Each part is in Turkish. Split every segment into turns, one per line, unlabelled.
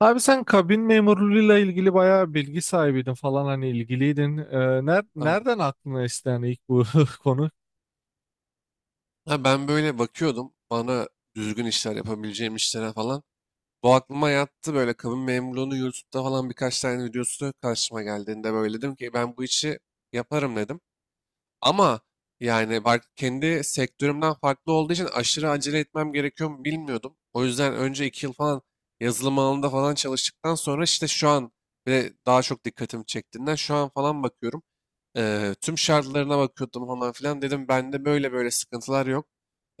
Abi sen kabin memurluğuyla ilgili bayağı bilgi sahibiydin falan hani ilgiliydin.
Aynen.
Nereden aklına esti yani ilk bu konu?
Ha, ben böyle bakıyordum bana düzgün işler yapabileceğim işlere falan. Bu aklıma yattı böyle kabin memurluğunu YouTube'da falan birkaç tane videosu karşıma geldiğinde böyle dedim ki ben bu işi yaparım dedim. Ama yani bak kendi sektörümden farklı olduğu için aşırı acele etmem gerekiyor mu bilmiyordum. O yüzden önce 2 yıl falan yazılım alanında falan çalıştıktan sonra işte şu an ve daha çok dikkatimi çektiğinden şu an falan bakıyorum. Tüm şartlarına bakıyordum falan filan dedim bende böyle böyle sıkıntılar yok.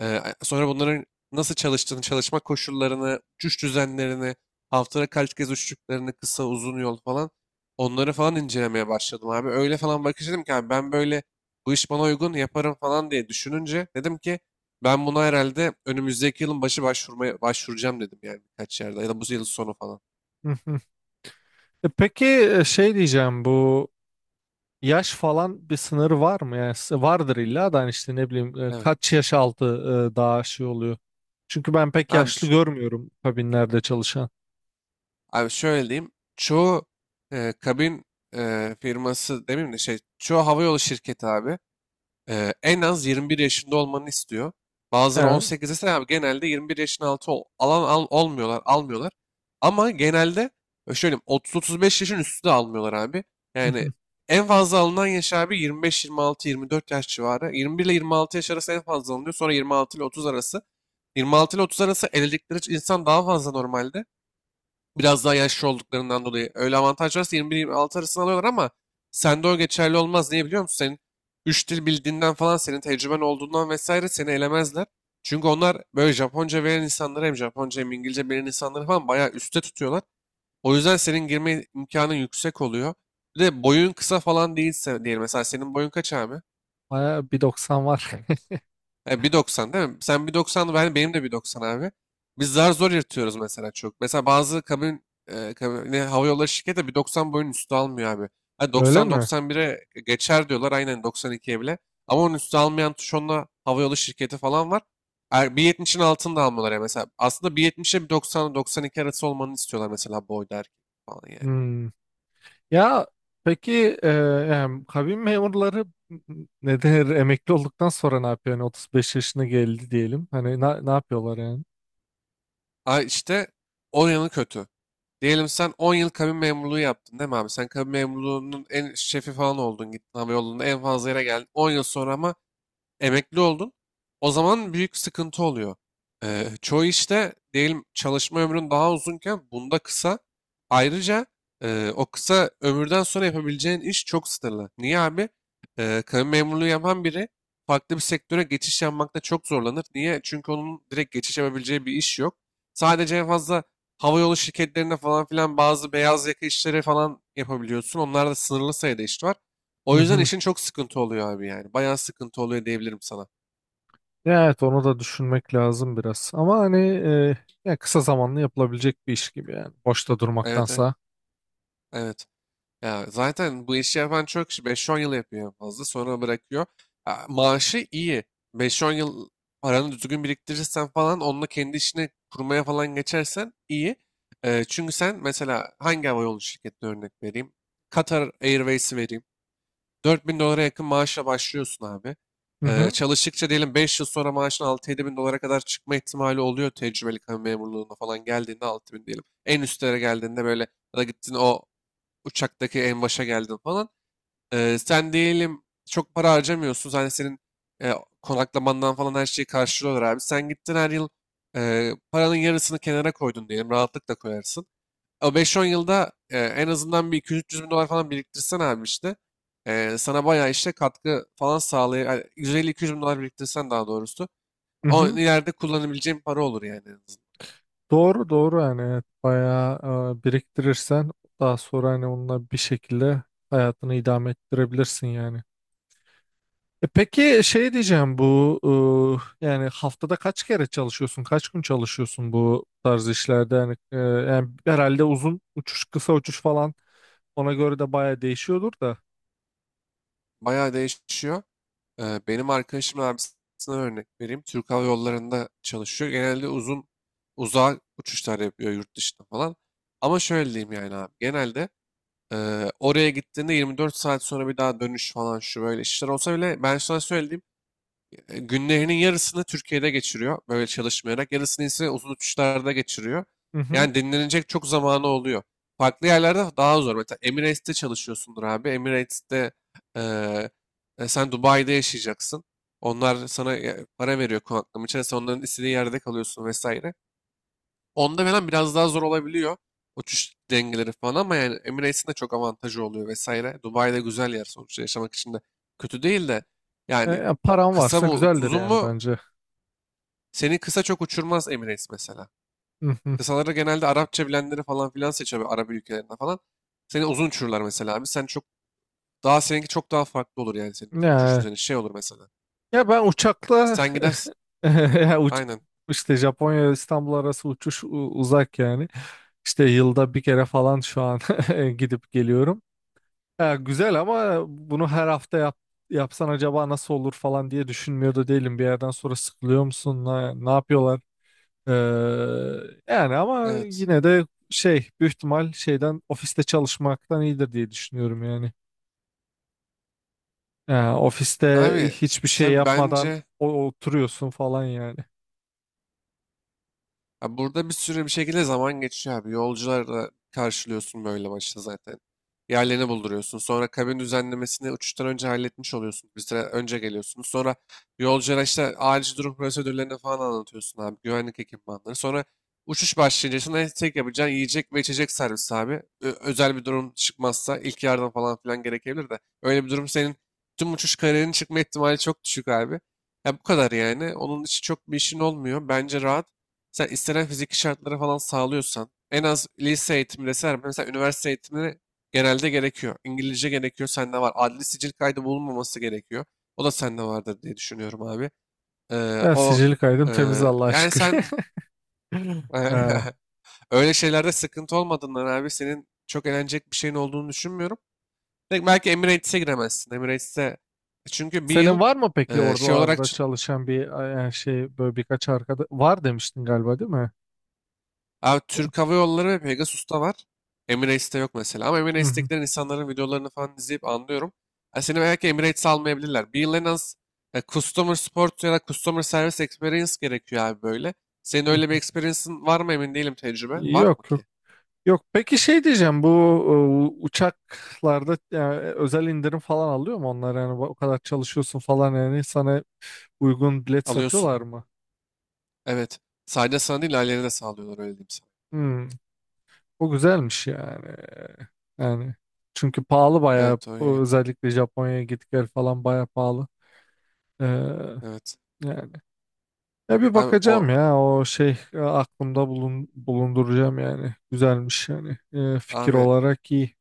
Sonra bunların nasıl çalıştığını, çalışma koşullarını, uçuş düzenlerini, haftada kaç kez uçtuklarını, kısa uzun yol falan onları falan incelemeye başladım abi. Öyle falan bakış dedim ki abi ben böyle bu iş bana uygun yaparım falan diye düşününce dedim ki ben buna herhalde önümüzdeki yılın başı başvurmaya başvuracağım dedim yani birkaç yerde ya da bu yıl sonu falan.
Hı hı. Peki, şey diyeceğim, bu yaş falan bir sınırı var mı? Yani vardır illa da, hani işte ne bileyim, kaç
Evet.
yaş altı daha şey oluyor. Çünkü ben pek
Abi,
yaşlı
ş-
görmüyorum kabinlerde çalışan.
abi, şöyle diyeyim. Çoğu kabin firması demeyeyim de şey çoğu havayolu şirketi abi. En az 21 yaşında olmanı istiyor. Bazıları
Evet.
18 desen abi genelde 21 yaşın altı olmuyorlar, almıyorlar. Ama genelde şöyle diyeyim, 30-35 yaşın üstü de almıyorlar abi.
Hı
Yani
hı.
en fazla alınan yaş abi 25-26-24 yaş civarı. 21 ile 26 yaş arası en fazla alınıyor. Sonra 26 ile 30 arası. 26 ile 30 arası evlilikleri insan daha fazla normalde. Biraz daha yaşlı olduklarından dolayı. Öyle avantaj varsa 21-26 arasını alıyorlar ama sende o geçerli olmaz. Niye biliyor musun? Senin 3 dil bildiğinden falan, senin tecrüben olduğundan vesaire seni elemezler. Çünkü onlar böyle Japonca bilen insanları hem Japonca hem İngilizce bilen insanları falan bayağı üstte tutuyorlar. O yüzden senin girme imkanın yüksek oluyor. Bir de boyun kısa falan değilse diyelim. Mesela senin boyun kaç abi?
Bayağı bir doksan var.
Bir doksan değil mi? Sen 1.90, benim de bir doksan abi. Biz zar zor yırtıyoruz mesela çok. Mesela bazı kabine, hava yolları şirketi de bir doksan boyun üstü almıyor abi. Hani
Öyle
doksan
mi?
doksan bir'e geçer diyorlar aynen doksan ikiye bile. Ama onun üstü almayan tuşonla hava yolu şirketi falan var. Bir yetmişin altını da almıyorlar ya mesela. Aslında 1.70'e doksan iki arası olmanı istiyorlar mesela boyda erkek falan yani.
Hmm. Ya peki, yani kabin memurları ne der emekli olduktan sonra ne yapıyor? Yani 35 yaşına geldi diyelim. Hani ne yapıyorlar yani?
Ay işte on yanı kötü. Diyelim sen 10 yıl kabin memurluğu yaptın değil mi abi? Sen kabin memurluğunun en şefi falan oldun. Gittin havayolunda en fazla yere geldin. 10 yıl sonra ama emekli oldun. O zaman büyük sıkıntı oluyor. Çoğu işte diyelim çalışma ömrün daha uzunken bunda kısa. Ayrıca o kısa ömürden sonra yapabileceğin iş çok sınırlı. Niye abi? Kamu memurluğu yapan biri farklı bir sektöre geçiş yapmakta çok zorlanır. Niye? Çünkü onun direkt geçiş yapabileceği bir iş yok. Sadece en fazla havayolu şirketlerine falan filan bazı beyaz yaka işleri falan yapabiliyorsun. Onlarda sınırlı sayıda iş var.
Hı
O yüzden
hı.
işin çok sıkıntı oluyor abi yani. Bayağı sıkıntı oluyor diyebilirim sana.
Ya evet, onu da düşünmek lazım biraz. Ama hani, ya kısa zamanlı yapılabilecek bir iş gibi yani. Boşta
Evet, evet,
durmaktansa.
evet. Ya zaten bu işi yapan çok kişi 5-10 yıl yapıyor en fazla sonra bırakıyor. Ya maaşı iyi. Beş on yıl paranı düzgün biriktirirsen falan onunla kendi işini kurmaya falan geçersen iyi. Çünkü sen mesela hangi havayolu şirketine örnek vereyim? Qatar Airways'i vereyim. 4000 dolara yakın maaşla başlıyorsun abi.
Hı hı.
Çalıştıkça diyelim 5 yıl sonra maaşın 6-7 bin dolara kadar çıkma ihtimali oluyor tecrübeli kamu memurluğuna falan geldiğinde 6 bin diyelim. En üstlere geldiğinde böyle ya da gittin o uçaktaki en başa geldin falan. Sen diyelim çok para harcamıyorsun. Hani senin e, konaklamandan falan her şeyi karşılıyorlar abi. Sen gittin her yıl paranın yarısını kenara koydun diyelim. Rahatlıkla koyarsın. O 5-10 yılda en azından bir 200-300 bin dolar falan biriktirsen abi işte sana bayağı işte katkı falan sağlay yani 150-200 bin dolar biriktirsen daha doğrusu
Hı
o
hı.
ileride kullanabileceğin para olur yani en azından.
Doğru doğru yani, evet. Bayağı biriktirirsen daha sonra hani onunla bir şekilde hayatını idame ettirebilirsin yani. E peki, şey diyeceğim, bu yani haftada kaç kere çalışıyorsun? Kaç gün çalışıyorsun bu tarz işlerde? Yani, yani herhalde uzun uçuş, kısa uçuş falan, ona göre de baya değişiyordur da.
Bayağı değişiyor. Benim arkadaşımın abisine örnek vereyim. Türk Hava Yolları'nda çalışıyor. Genelde uzun uzağa uçuşlar yapıyor yurt dışında falan. Ama şöyle diyeyim yani abi. Genelde e, oraya gittiğinde 24 saat sonra bir daha dönüş falan şu böyle işler olsa bile ben sana söylediğim günlerinin yarısını Türkiye'de geçiriyor böyle çalışmayarak. Yarısını ise uzun uçuşlarda geçiriyor.
Hı hı.
Yani dinlenecek çok zamanı oluyor. Farklı yerlerde daha zor. Mesela Emirates'te çalışıyorsundur abi. Emirates'te e, sen Dubai'de yaşayacaksın. Onlar sana para veriyor konaklama için. Sen onların istediği yerde kalıyorsun vesaire. Onda falan biraz daha zor olabiliyor. Uçuş dengeleri falan ama yani Emirates'in de çok avantajı oluyor vesaire. Dubai'de güzel yer sonuçta yaşamak için de kötü değil de
E,
yani
ya paran
kısa
varsa
mı
güzeldir
uzun
yani,
mu
bence.
seni kısa çok uçurmaz Emirates mesela.
Hı hı.
Kısaları genelde Arapça bilenleri falan filan seçiyor böyle Arap ülkelerinde falan. Seni uzun uçururlar mesela abi. Sen çok daha seninki çok daha farklı olur yani senin uçuş
Ya,
düzeni şey olur mesela.
ya ben uçakla
Sen gidersin.
ya uç-
Aynen.
işte Japonya İstanbul arası uçuş uzak yani. İşte yılda bir kere falan şu an gidip geliyorum. Ya güzel, ama bunu her hafta yapsan acaba nasıl olur falan diye düşünmüyor da değilim. Bir yerden sonra sıkılıyor musun? Ne yapıyorlar? Ee, Yani ama
Evet.
yine de şey, büyük ihtimal şeyden, ofiste çalışmaktan iyidir diye düşünüyorum yani. Ya ofiste
Abi
hiçbir şey
tabii
yapmadan
bence.
oturuyorsun falan yani.
Abi burada bir sürü bir şekilde zaman geçiyor abi. Yolcularla karşılıyorsun böyle başta zaten. Yerlerini bulduruyorsun. Sonra kabin düzenlemesini uçuştan önce halletmiş oluyorsun. Bir süre önce geliyorsunuz. Sonra yolculara işte acil durum prosedürlerini falan anlatıyorsun abi. Güvenlik ekipmanları. Sonra uçuş başlayınca sana tek yapacağın yiyecek ve içecek servisi abi. Özel bir durum çıkmazsa ilk yardım falan filan gerekebilir de. Öyle bir durum senin tüm uçuş kararının çıkma ihtimali çok düşük abi. Ya bu kadar yani. Onun için çok bir işin olmuyor. Bence rahat. Sen istenen fiziki şartları falan sağlıyorsan en az lise eğitimi deseler mesela üniversite eğitimleri genelde gerekiyor. İngilizce gerekiyor sende var. Adli sicil kaydı bulunmaması gerekiyor. O da sende vardır diye düşünüyorum abi. Ee,
Ya
o
sicili kaydım
e,
temiz, Allah'a
Yani
şükür.
sen
Ee,
öyle şeylerde sıkıntı olmadığından abi senin çok eğlenecek bir şeyin olduğunu düşünmüyorum. Belki belki Emirates'e giremezsin. Emirates'e çünkü bir yıl
Senin var mı peki
şey olarak
oralarda çalışan bir şey, böyle birkaç arkadaş var demiştin galiba, değil mi?
Abi Türk Hava Yolları ve Pegasus'ta var. Emirates'te yok mesela. Ama
Hı hı.
Emirates'tekilerin insanların videolarını falan izleyip anlıyorum. Yani seni belki Emirates'e almayabilirler. Bir yıl en az Customer Support ya da Customer Service Experience gerekiyor abi böyle. Senin öyle bir experience'ın var mı emin değilim tecrübe. Var mı
Yok yok
ki?
yok. Peki şey diyeceğim, bu uçaklarda yani, özel indirim falan alıyor mu onlar? Yani o kadar çalışıyorsun falan yani, sana uygun bilet
Alıyorsun.
satıyorlar mı?
Evet. Sadece sana değil ailene de sağlıyorlar öyle diyeyim sana.
Hmm, o güzelmiş yani. Yani çünkü pahalı bayağı,
Evet, o
o
iyi.
özellikle Japonya'ya git gel falan bayağı pahalı. Ee,
Evet.
Yani ya bir
Abi
bakacağım,
o
ya o şey, bulunduracağım yani, güzelmiş yani. Fikir
abi,
olarak iyi.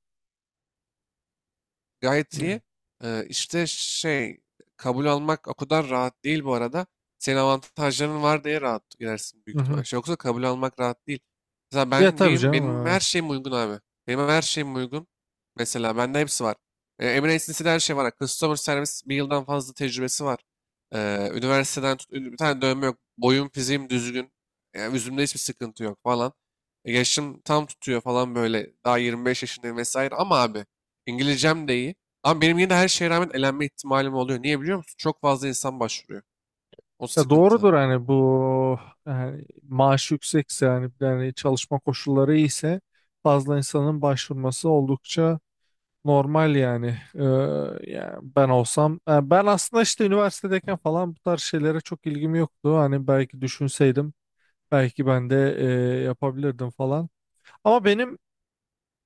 gayet
Yani.
iyi. İşte şey, kabul almak o kadar rahat değil bu arada. Senin avantajların var diye rahat girersin
Hı
büyük
hı.
ihtimal. Şey, yoksa kabul almak rahat değil. Mesela
Ya
ben
tabii
diyeyim benim
canım.
her şeyim uygun abi. Benim her şeyim uygun. Mesela bende hepsi var. Emirates'in her şey var. Customer service bir yıldan fazla tecrübesi var. Üniversiteden tut, bir tane dövme yok. Boyum fiziğim düzgün. Yani yüzümde hiçbir sıkıntı yok falan. Yaşım tam tutuyor falan böyle. Daha 25 yaşındayım vesaire. Ama abi İngilizcem de iyi. Ama benim yine de her şeye rağmen elenme ihtimalim oluyor. Niye biliyor musun? Çok fazla insan başvuruyor. O
Ya
sıkıntı.
doğrudur, hani bu yani maaş yüksekse yani, yani çalışma koşulları iyiyse fazla insanın başvurması oldukça normal yani. Ee, Yani ben olsam, yani ben aslında işte üniversitedeyken falan bu tarz şeylere çok ilgim yoktu. Hani belki düşünseydim belki ben de yapabilirdim falan. Ama benim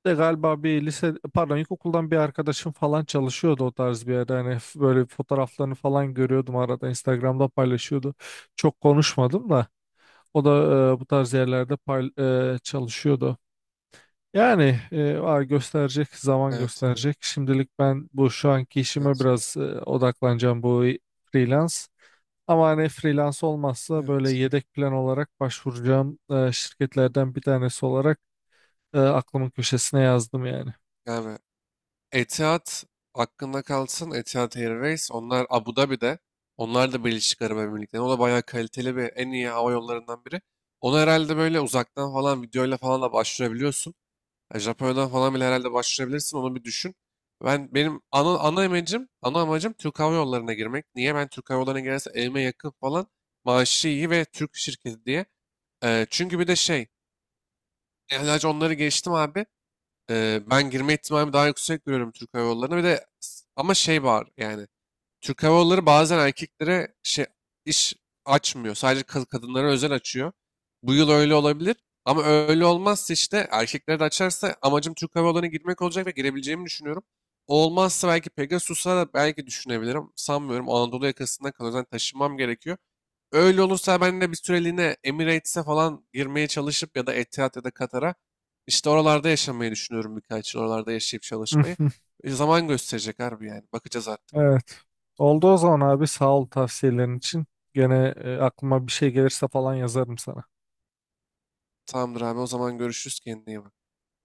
de galiba bir lise, pardon, ilkokuldan bir arkadaşım falan çalışıyordu o tarz bir yerde. Hani böyle fotoğraflarını falan görüyordum arada, Instagram'da paylaşıyordu. Çok konuşmadım da. O da bu tarz yerlerde çalışıyordu. Yani, zaman
Evet.
gösterecek. Şimdilik ben bu şu anki işime
Evet.
biraz odaklanacağım, bu freelance. Ama hani freelance olmazsa böyle
Evet.
yedek plan olarak başvuracağım şirketlerden bir tanesi olarak aklımın köşesine yazdım yani.
Yani Etihad hakkında kalsın. Etihad Airways. Onlar Abu Dhabi'de. Onlar da Birleşik Arap Emirlikleri'nde. O da bayağı kaliteli ve en iyi hava yollarından biri. Onu herhalde böyle uzaktan falan videoyla falan da başvurabiliyorsun. Ya Japonya'dan falan bile herhalde başvurabilirsin. Onu bir düşün. Benim ana amacım Türk Hava Yolları'na girmek. Niye? Ben Türk Hava Yolları'na girersem evime yakın falan maaşı iyi ve Türk şirketi diye. Çünkü bir de şey, yani sadece onları geçtim abi. Ben girme ihtimalimi daha yüksek görüyorum Türk Hava Yolları'na. Bir de ama şey var yani Türk Hava Yolları bazen erkeklere şey iş açmıyor. Sadece kadınlara özel açıyor. Bu yıl öyle olabilir. Ama öyle olmazsa işte erkeklere de açarsa amacım Türk Hava Yolları'na girmek olacak ve girebileceğimi düşünüyorum. O olmazsa belki Pegasus'a da belki düşünebilirim. Sanmıyorum. Anadolu yakasında kalıyor. Zaten taşınmam gerekiyor. Öyle olursa ben de bir süreliğine Emirates'e falan girmeye çalışıp ya da Etihad ya da Katar'a işte oralarda yaşamayı düşünüyorum birkaç yıl. Oralarda yaşayıp çalışmayı. Zaman gösterecek harbi yani. Bakacağız artık.
Evet. Oldu o zaman abi, sağ ol tavsiyelerin için. Gene aklıma bir şey gelirse falan yazarım sana.
Tamamdır abi, o zaman görüşürüz, kendine iyi bak.